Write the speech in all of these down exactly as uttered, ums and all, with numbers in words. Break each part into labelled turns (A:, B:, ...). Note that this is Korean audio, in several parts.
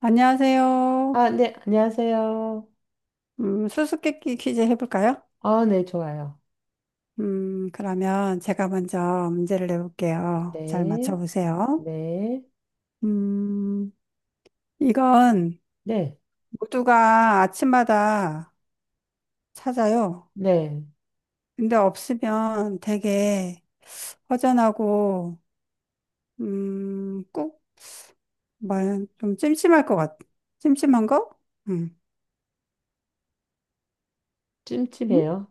A: 안녕하세요.
B: 아, 네, 안녕하세요.
A: 음, 수수께끼 퀴즈 해볼까요?
B: 아, 네, 좋아요.
A: 음, 그러면 제가 먼저 문제를 내볼게요. 잘
B: 네,
A: 맞춰보세요.
B: 네,
A: 음, 이건
B: 네,
A: 모두가 아침마다 찾아요.
B: 네.
A: 근데 없으면 되게 허전하고, 음, 꼭, 말, 좀 찜찜할 것 같, 찜찜한 거? 음, 음?
B: 찜찜해요.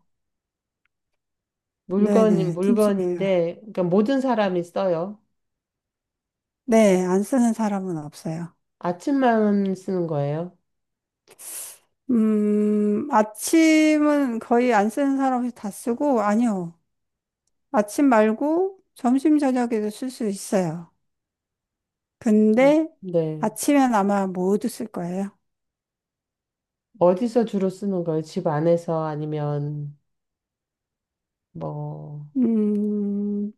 B: 물건
A: 네네, 찜찜해요.
B: 물건인데, 그러니까 모든 사람이 써요.
A: 네, 안 쓰는 사람은 없어요.
B: 아침만 쓰는 거예요.
A: 음, 아침은 거의 안 쓰는 사람이 다 쓰고, 아니요. 아침 말고 점심, 저녁에도 쓸 수 있어요.
B: 음,
A: 근데
B: 네.
A: 아침엔 아마 모두 쓸 거예요.
B: 어디서 주로 쓰는 거예요? 집 안에서 아니면, 뭐,
A: 음,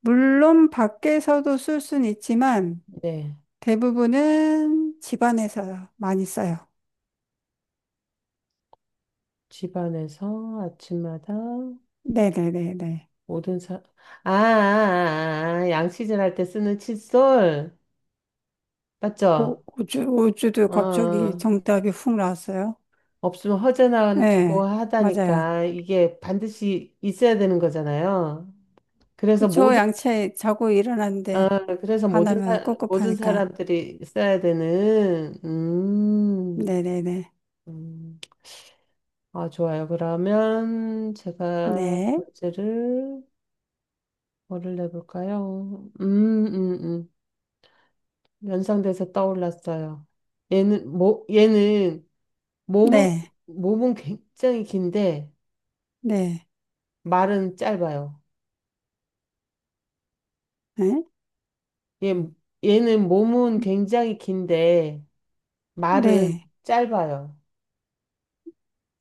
A: 물론 밖에서도 쓸 수는 있지만,
B: 네.
A: 대부분은 집안에서 많이 써요.
B: 집 안에서 아침마다
A: 네네네네.
B: 모든 사, 아, 아, 아, 아, 양치질 할 때 쓰는 칫솔. 맞죠?
A: 오, 우주, 우주도
B: 어.
A: 갑자기
B: 어.
A: 정답이 훅 나왔어요.
B: 없으면 허전하고
A: 네, 맞아요.
B: 하다니까 이게 반드시 있어야 되는 거잖아요. 그래서
A: 그쵸,
B: 모든
A: 양치 자고 일어났는데.
B: 아, 그래서 모든
A: 하나면
B: 사, 모든
A: 꿉꿉하니까.
B: 사람들이 써야 되는 음,
A: 네네네.
B: 음. 아 좋아요. 그러면 제가
A: 네.
B: 문제를 뭐를 내볼까요? 음, 음, 음. 연상돼서 떠올랐어요. 얘는 모, 얘는 몸은
A: 네.
B: 몸은 굉장히 긴데
A: 네.
B: 말은 짧아요.
A: 네.
B: 얘, 얘는 몸은 굉장히 긴데 말은
A: 네.
B: 짧아요.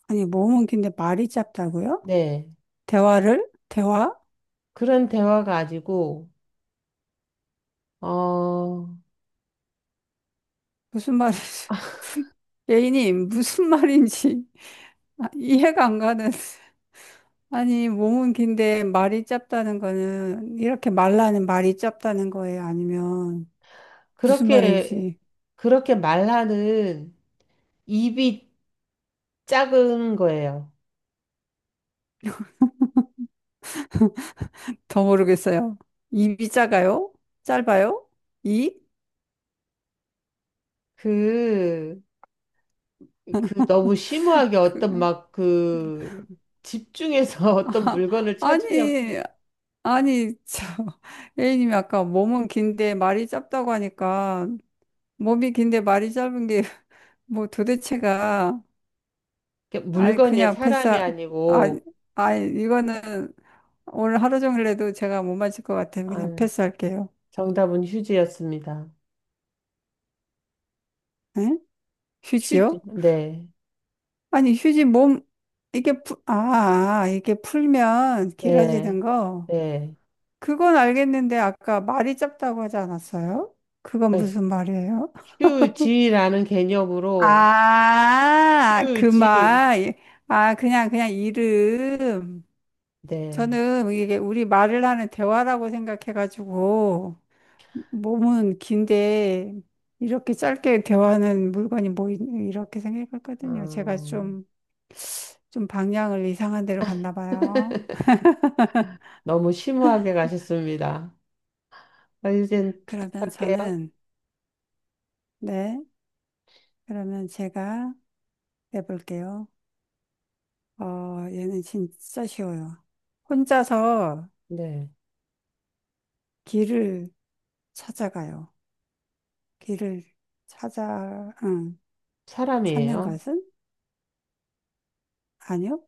A: 아니, 몸은 긴데 말이 짧다고요?
B: 네.
A: 대화를? 대화?
B: 그런 대화 가지고 어
A: 무슨 말이지 예인님, 무슨 말인지 아, 이해가 안 가는. 아니, 몸은 긴데 말이 짧다는 거는 이렇게 말라는 말이 짧다는 거예요? 아니면 무슨
B: 그렇게
A: 말인지
B: 그렇게 말하는 입이 작은 거예요.
A: 더 모르겠어요. 입이 작아요? 짧아요? 이?
B: 그, 그 너무 심오하게
A: 그,
B: 어떤 막 그 집중해서 어떤 물건을 찾으려고
A: 아니, 아니, 저, A님이 아까 몸은 긴데 말이 짧다고 하니까, 몸이 긴데 말이 짧은 게, 뭐 도대체가,
B: 이렇게
A: 아니,
B: 물건이
A: 그냥 패스,
B: 사람이
A: 아니,
B: 아니고
A: 아니, 이거는 오늘 하루 종일 해도 제가 못 맞을 것 같아요. 그냥
B: 아,
A: 패스할게요.
B: 정답은 휴지였습니다.
A: 응?
B: 휴지.
A: 휴지요?
B: 네.
A: 아니, 휴지 몸, 이게, 풀, 아, 아, 이게 풀면
B: 네.
A: 길어지는 거.
B: 네.
A: 그건 알겠는데, 아까 말이 짧다고 하지 않았어요? 그건
B: 그러니까
A: 무슨 말이에요?
B: 휴지라는 개념으로
A: 아, 그
B: 휴지.
A: 말. 아, 그냥, 그냥 이름.
B: 네.
A: 저는 이게 우리 말을 하는 대화라고 생각해가지고, 몸은 긴데, 이렇게 짧게 대화하는 물건이 뭐, 있- 이렇게 생각했거든요. 제가
B: 어,
A: 좀, 좀 방향을 이상한 데로 갔나 봐요.
B: 너무 심오하게 가셨습니다. 아, 이젠
A: 그러면
B: 부탁할게요.
A: 저는, 네, 그러면 제가 내볼게요. 어, 얘는 진짜 쉬워요. 혼자서
B: 네.
A: 길을 찾아가요. 길을 찾아, 응, 찾는
B: 사람이에요.
A: 것은? 아니요,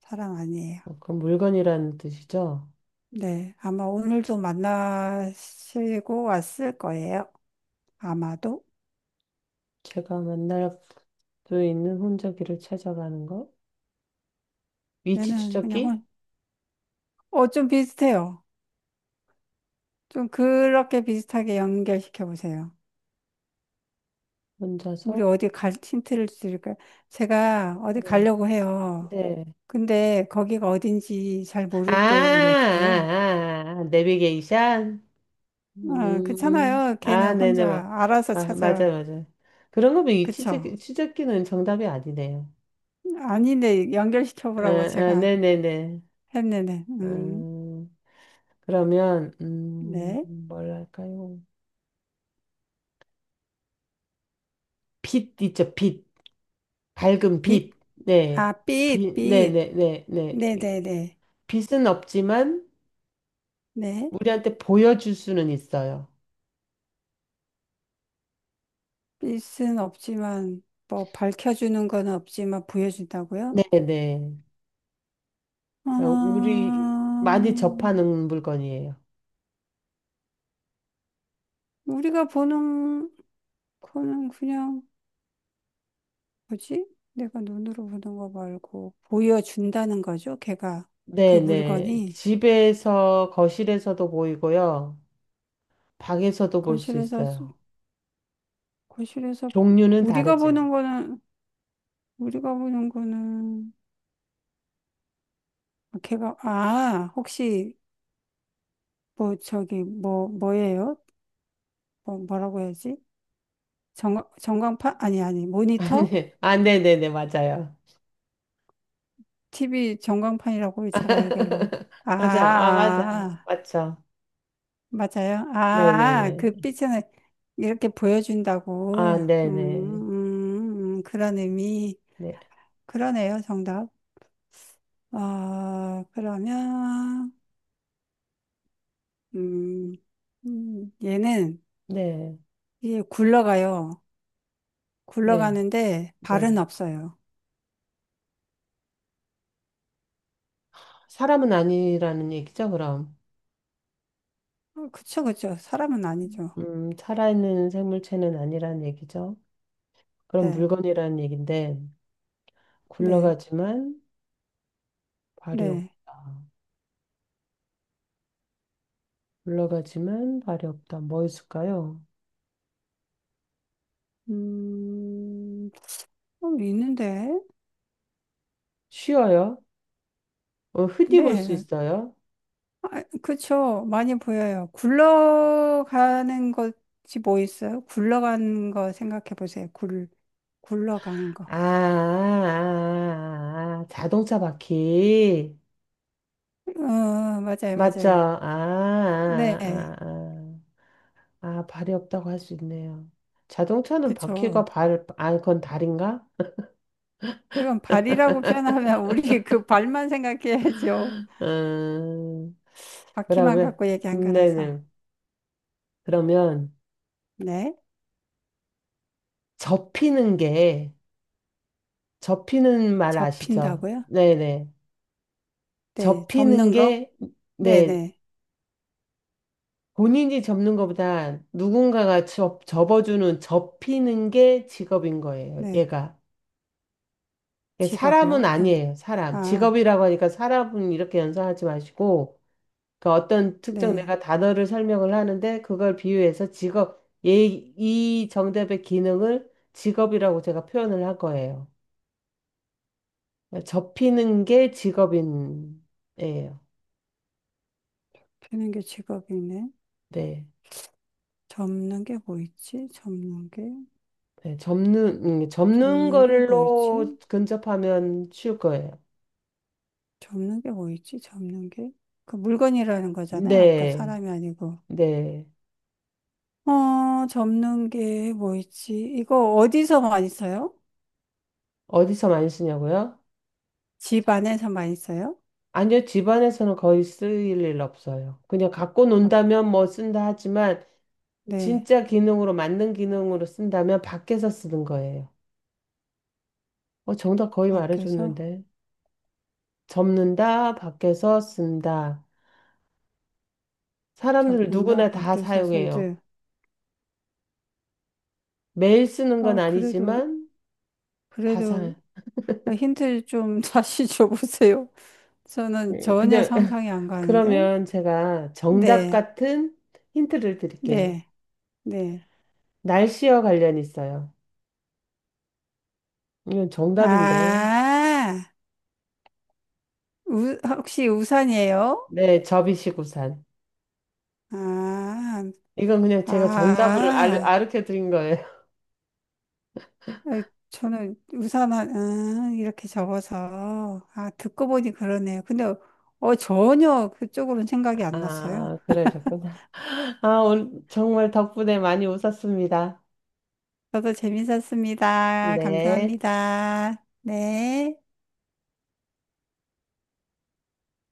A: 사람 아니에요.
B: 어, 그럼 물건이라는 뜻이죠.
A: 네, 아마 오늘도 만나시고 왔을 거예요. 아마도.
B: 제가 만날 수 있는 혼자기를 찾아가는 거. 위치
A: 얘는 그냥,
B: 추적기?
A: 혼- 어, 좀 비슷해요. 좀 그렇게 비슷하게 연결시켜 보세요.
B: 혼자서?
A: 우리 어디 갈, 힌트를 드릴까요? 제가 어디
B: 네.
A: 가려고 해요.
B: 네.
A: 근데 거기가 어딘지 잘
B: 아, 아,
A: 모를 때 우리 어떻게 해요?
B: 아, 아, 내비게이션?
A: 어,
B: 음.
A: 그렇잖아요. 걔는
B: 아, 네네.
A: 혼자
B: 뭐.
A: 알아서
B: 아, 맞아,
A: 찾아.
B: 맞아. 그런 거면 이 치즈,
A: 그쵸?
B: 치즈끼는 정답이 아니네요.
A: 아니네.
B: 아,
A: 연결시켜보라고
B: 아,
A: 제가
B: 네네네.
A: 했는데. 음,
B: 음, 그러면, 음,
A: 네.
B: 뭘 할까요? 빛 있죠, 빛. 밝은
A: 빛?
B: 빛. 네.
A: 아, 빛,
B: 빛,
A: 빛.
B: 네네네, 네. 네, 네.
A: 네네네.
B: 빛은 없지만,
A: 네.
B: 우리한테 보여줄 수는 있어요.
A: 빛은 없지만, 뭐, 밝혀주는 건 없지만, 보여준다고요?
B: 네네.
A: 아,
B: 우리 많이 접하는 물건이에요.
A: 우리가 보는 거는 그냥, 뭐지? 내가 눈으로 보는 거 말고, 보여준다는 거죠, 걔가. 그
B: 네네.
A: 물건이.
B: 집에서, 거실에서도 보이고요. 방에서도 볼 수
A: 거실에서,
B: 있어요.
A: 거실에서,
B: 종류는
A: 우리가
B: 다르지만.
A: 보는 거는, 우리가 보는 거는, 걔가 아 혹시 뭐 저기 뭐 뭐예요? 뭐 뭐라고 해야지? 전 전광판 아니 아니
B: 아,
A: 모니터?
B: 네. 아, 네네네. 맞아요.
A: 티비 전광판이라고 제가 얘기하려고. 아,
B: 맞아요. 아,
A: 아,
B: 맞아요.
A: 아.
B: 맞죠.
A: 맞아요. 아, 그
B: 네네네.
A: 빛을 이렇게
B: 아,
A: 보여준다고. 음,
B: 네네.
A: 음, 음, 그런 의미.
B: 네.
A: 그러네요, 정답. 아, 그러면 음, 음 얘는
B: 네.
A: 이게 굴러가요.
B: 네.
A: 굴러가는데
B: 네.
A: 발은 없어요.
B: 사람은 아니라는 얘기죠, 그럼.
A: 음, 그쵸, 그쵸. 사람은 아니죠.
B: 음, 살아있는 생물체는 아니라는 얘기죠. 그럼
A: 네,
B: 물건이라는 얘긴데,
A: 네,
B: 굴러가지만 발이
A: 네.
B: 없다. 올라가지만 발이 없다. 뭐 있을까요?
A: 음, 좀 있는데.
B: 쉬어요? 어, 흔히 볼 수
A: 네,
B: 있어요?
A: 그쵸. 많이 보여요. 굴러가는 것이 뭐 있어요? 굴러가는 거 생각해 보세요. 굴, 굴러가는
B: 아, 아,
A: 거.
B: 아, 아, 자동차 바퀴.
A: 어, 맞아요,
B: 맞죠?
A: 맞아요.
B: 아,
A: 네,
B: 아, 아, 아. 아, 발이 없다고 할 수 있네요. 자동차는
A: 그쵸.
B: 바퀴가 발, 아, 그건 다리인가?
A: 그건 발이라고 표현하면 우리 그 발만 생각해야죠.
B: 음,
A: 바퀴만
B: 그러면,
A: 갖고 얘기한 거라서.
B: 네네. 그러면,
A: 네,
B: 접히는 게, 접히는 말 아시죠?
A: 접힌다고요?
B: 네네.
A: 네,
B: 접히는
A: 접는 거?
B: 게, 네,
A: 네네.
B: 본인이 접는 것보다 누군가가 접, 접어주는, 접히는 게 직업인 거예요,
A: 네.
B: 얘가. 얘 사람은
A: 직업이요? 그럼,
B: 아니에요, 사람.
A: 아,
B: 직업이라고 하니까 사람은 이렇게 연상하지 마시고, 그러니까 어떤 특정
A: 네.
B: 내가 단어를 설명을 하는데, 그걸 비유해서 직업, 얘, 이 정답의 기능을 직업이라고 제가 표현을 할 거예요. 그러니까 접히는 게 직업인, 예요.
A: 펴는 게 직업이네.
B: 네.
A: 접는 게 뭐 있지? 접는 게,
B: 네, 접는, 음, 접는
A: 접는 게 뭐 있지?
B: 걸로 근접하면 쉬울 거예요.
A: 접는 게 뭐 있지? 접는 게. 그 물건이라는 거잖아요. 아까
B: 네.
A: 사람이 아니고.
B: 네.
A: 어, 접는 게 뭐 있지? 이거 어디서 많이 써요?
B: 어디서 많이 쓰냐고요?
A: 집 안에서 많이 써요?
B: 아니요, 집안에서는 거의 쓸 일 없어요. 그냥 갖고
A: 밖-
B: 논다면 뭐 쓴다 하지만
A: 네.
B: 진짜 기능으로 맞는 기능으로 쓴다면 밖에서 쓰는 거예요. 어, 정답 거의
A: 밖에서
B: 말해줬는데. 접는다, 밖에서 쓴다. 사람들
A: 접는다.
B: 누구나 다
A: 밖에서
B: 사용해요.
A: 쓰는데.
B: 매일 쓰는 건
A: 아, 그래도,
B: 아니지만 다
A: 그래도,
B: 사.
A: 아, 힌트 좀 다시 줘보세요. 저는
B: 음,
A: 전혀
B: 그냥
A: 상상이 안 가는데.
B: 그러면 제가 정답
A: 네,
B: 같은 힌트를 드릴게요.
A: 네, 네.
B: 날씨와 관련 있어요. 이건 정답인데.
A: 아, 우, 혹시 우산이에요?
B: 네, 접이시구산.
A: 아,
B: 이건 그냥 제가 정답을 알,
A: 아,
B: 아르켜 드린 거예요.
A: 에, 저는 우산, 한- 아, 이렇게 접어서. 아, 듣고 보니 그러네요. 근데, 어, 전혀 그쪽으로는 생각이 안 났어요.
B: 아, 그러셨구나. 아, 오늘 정말 덕분에 많이 웃었습니다.
A: 저도 재밌었습니다.
B: 네.
A: 감사합니다. 네.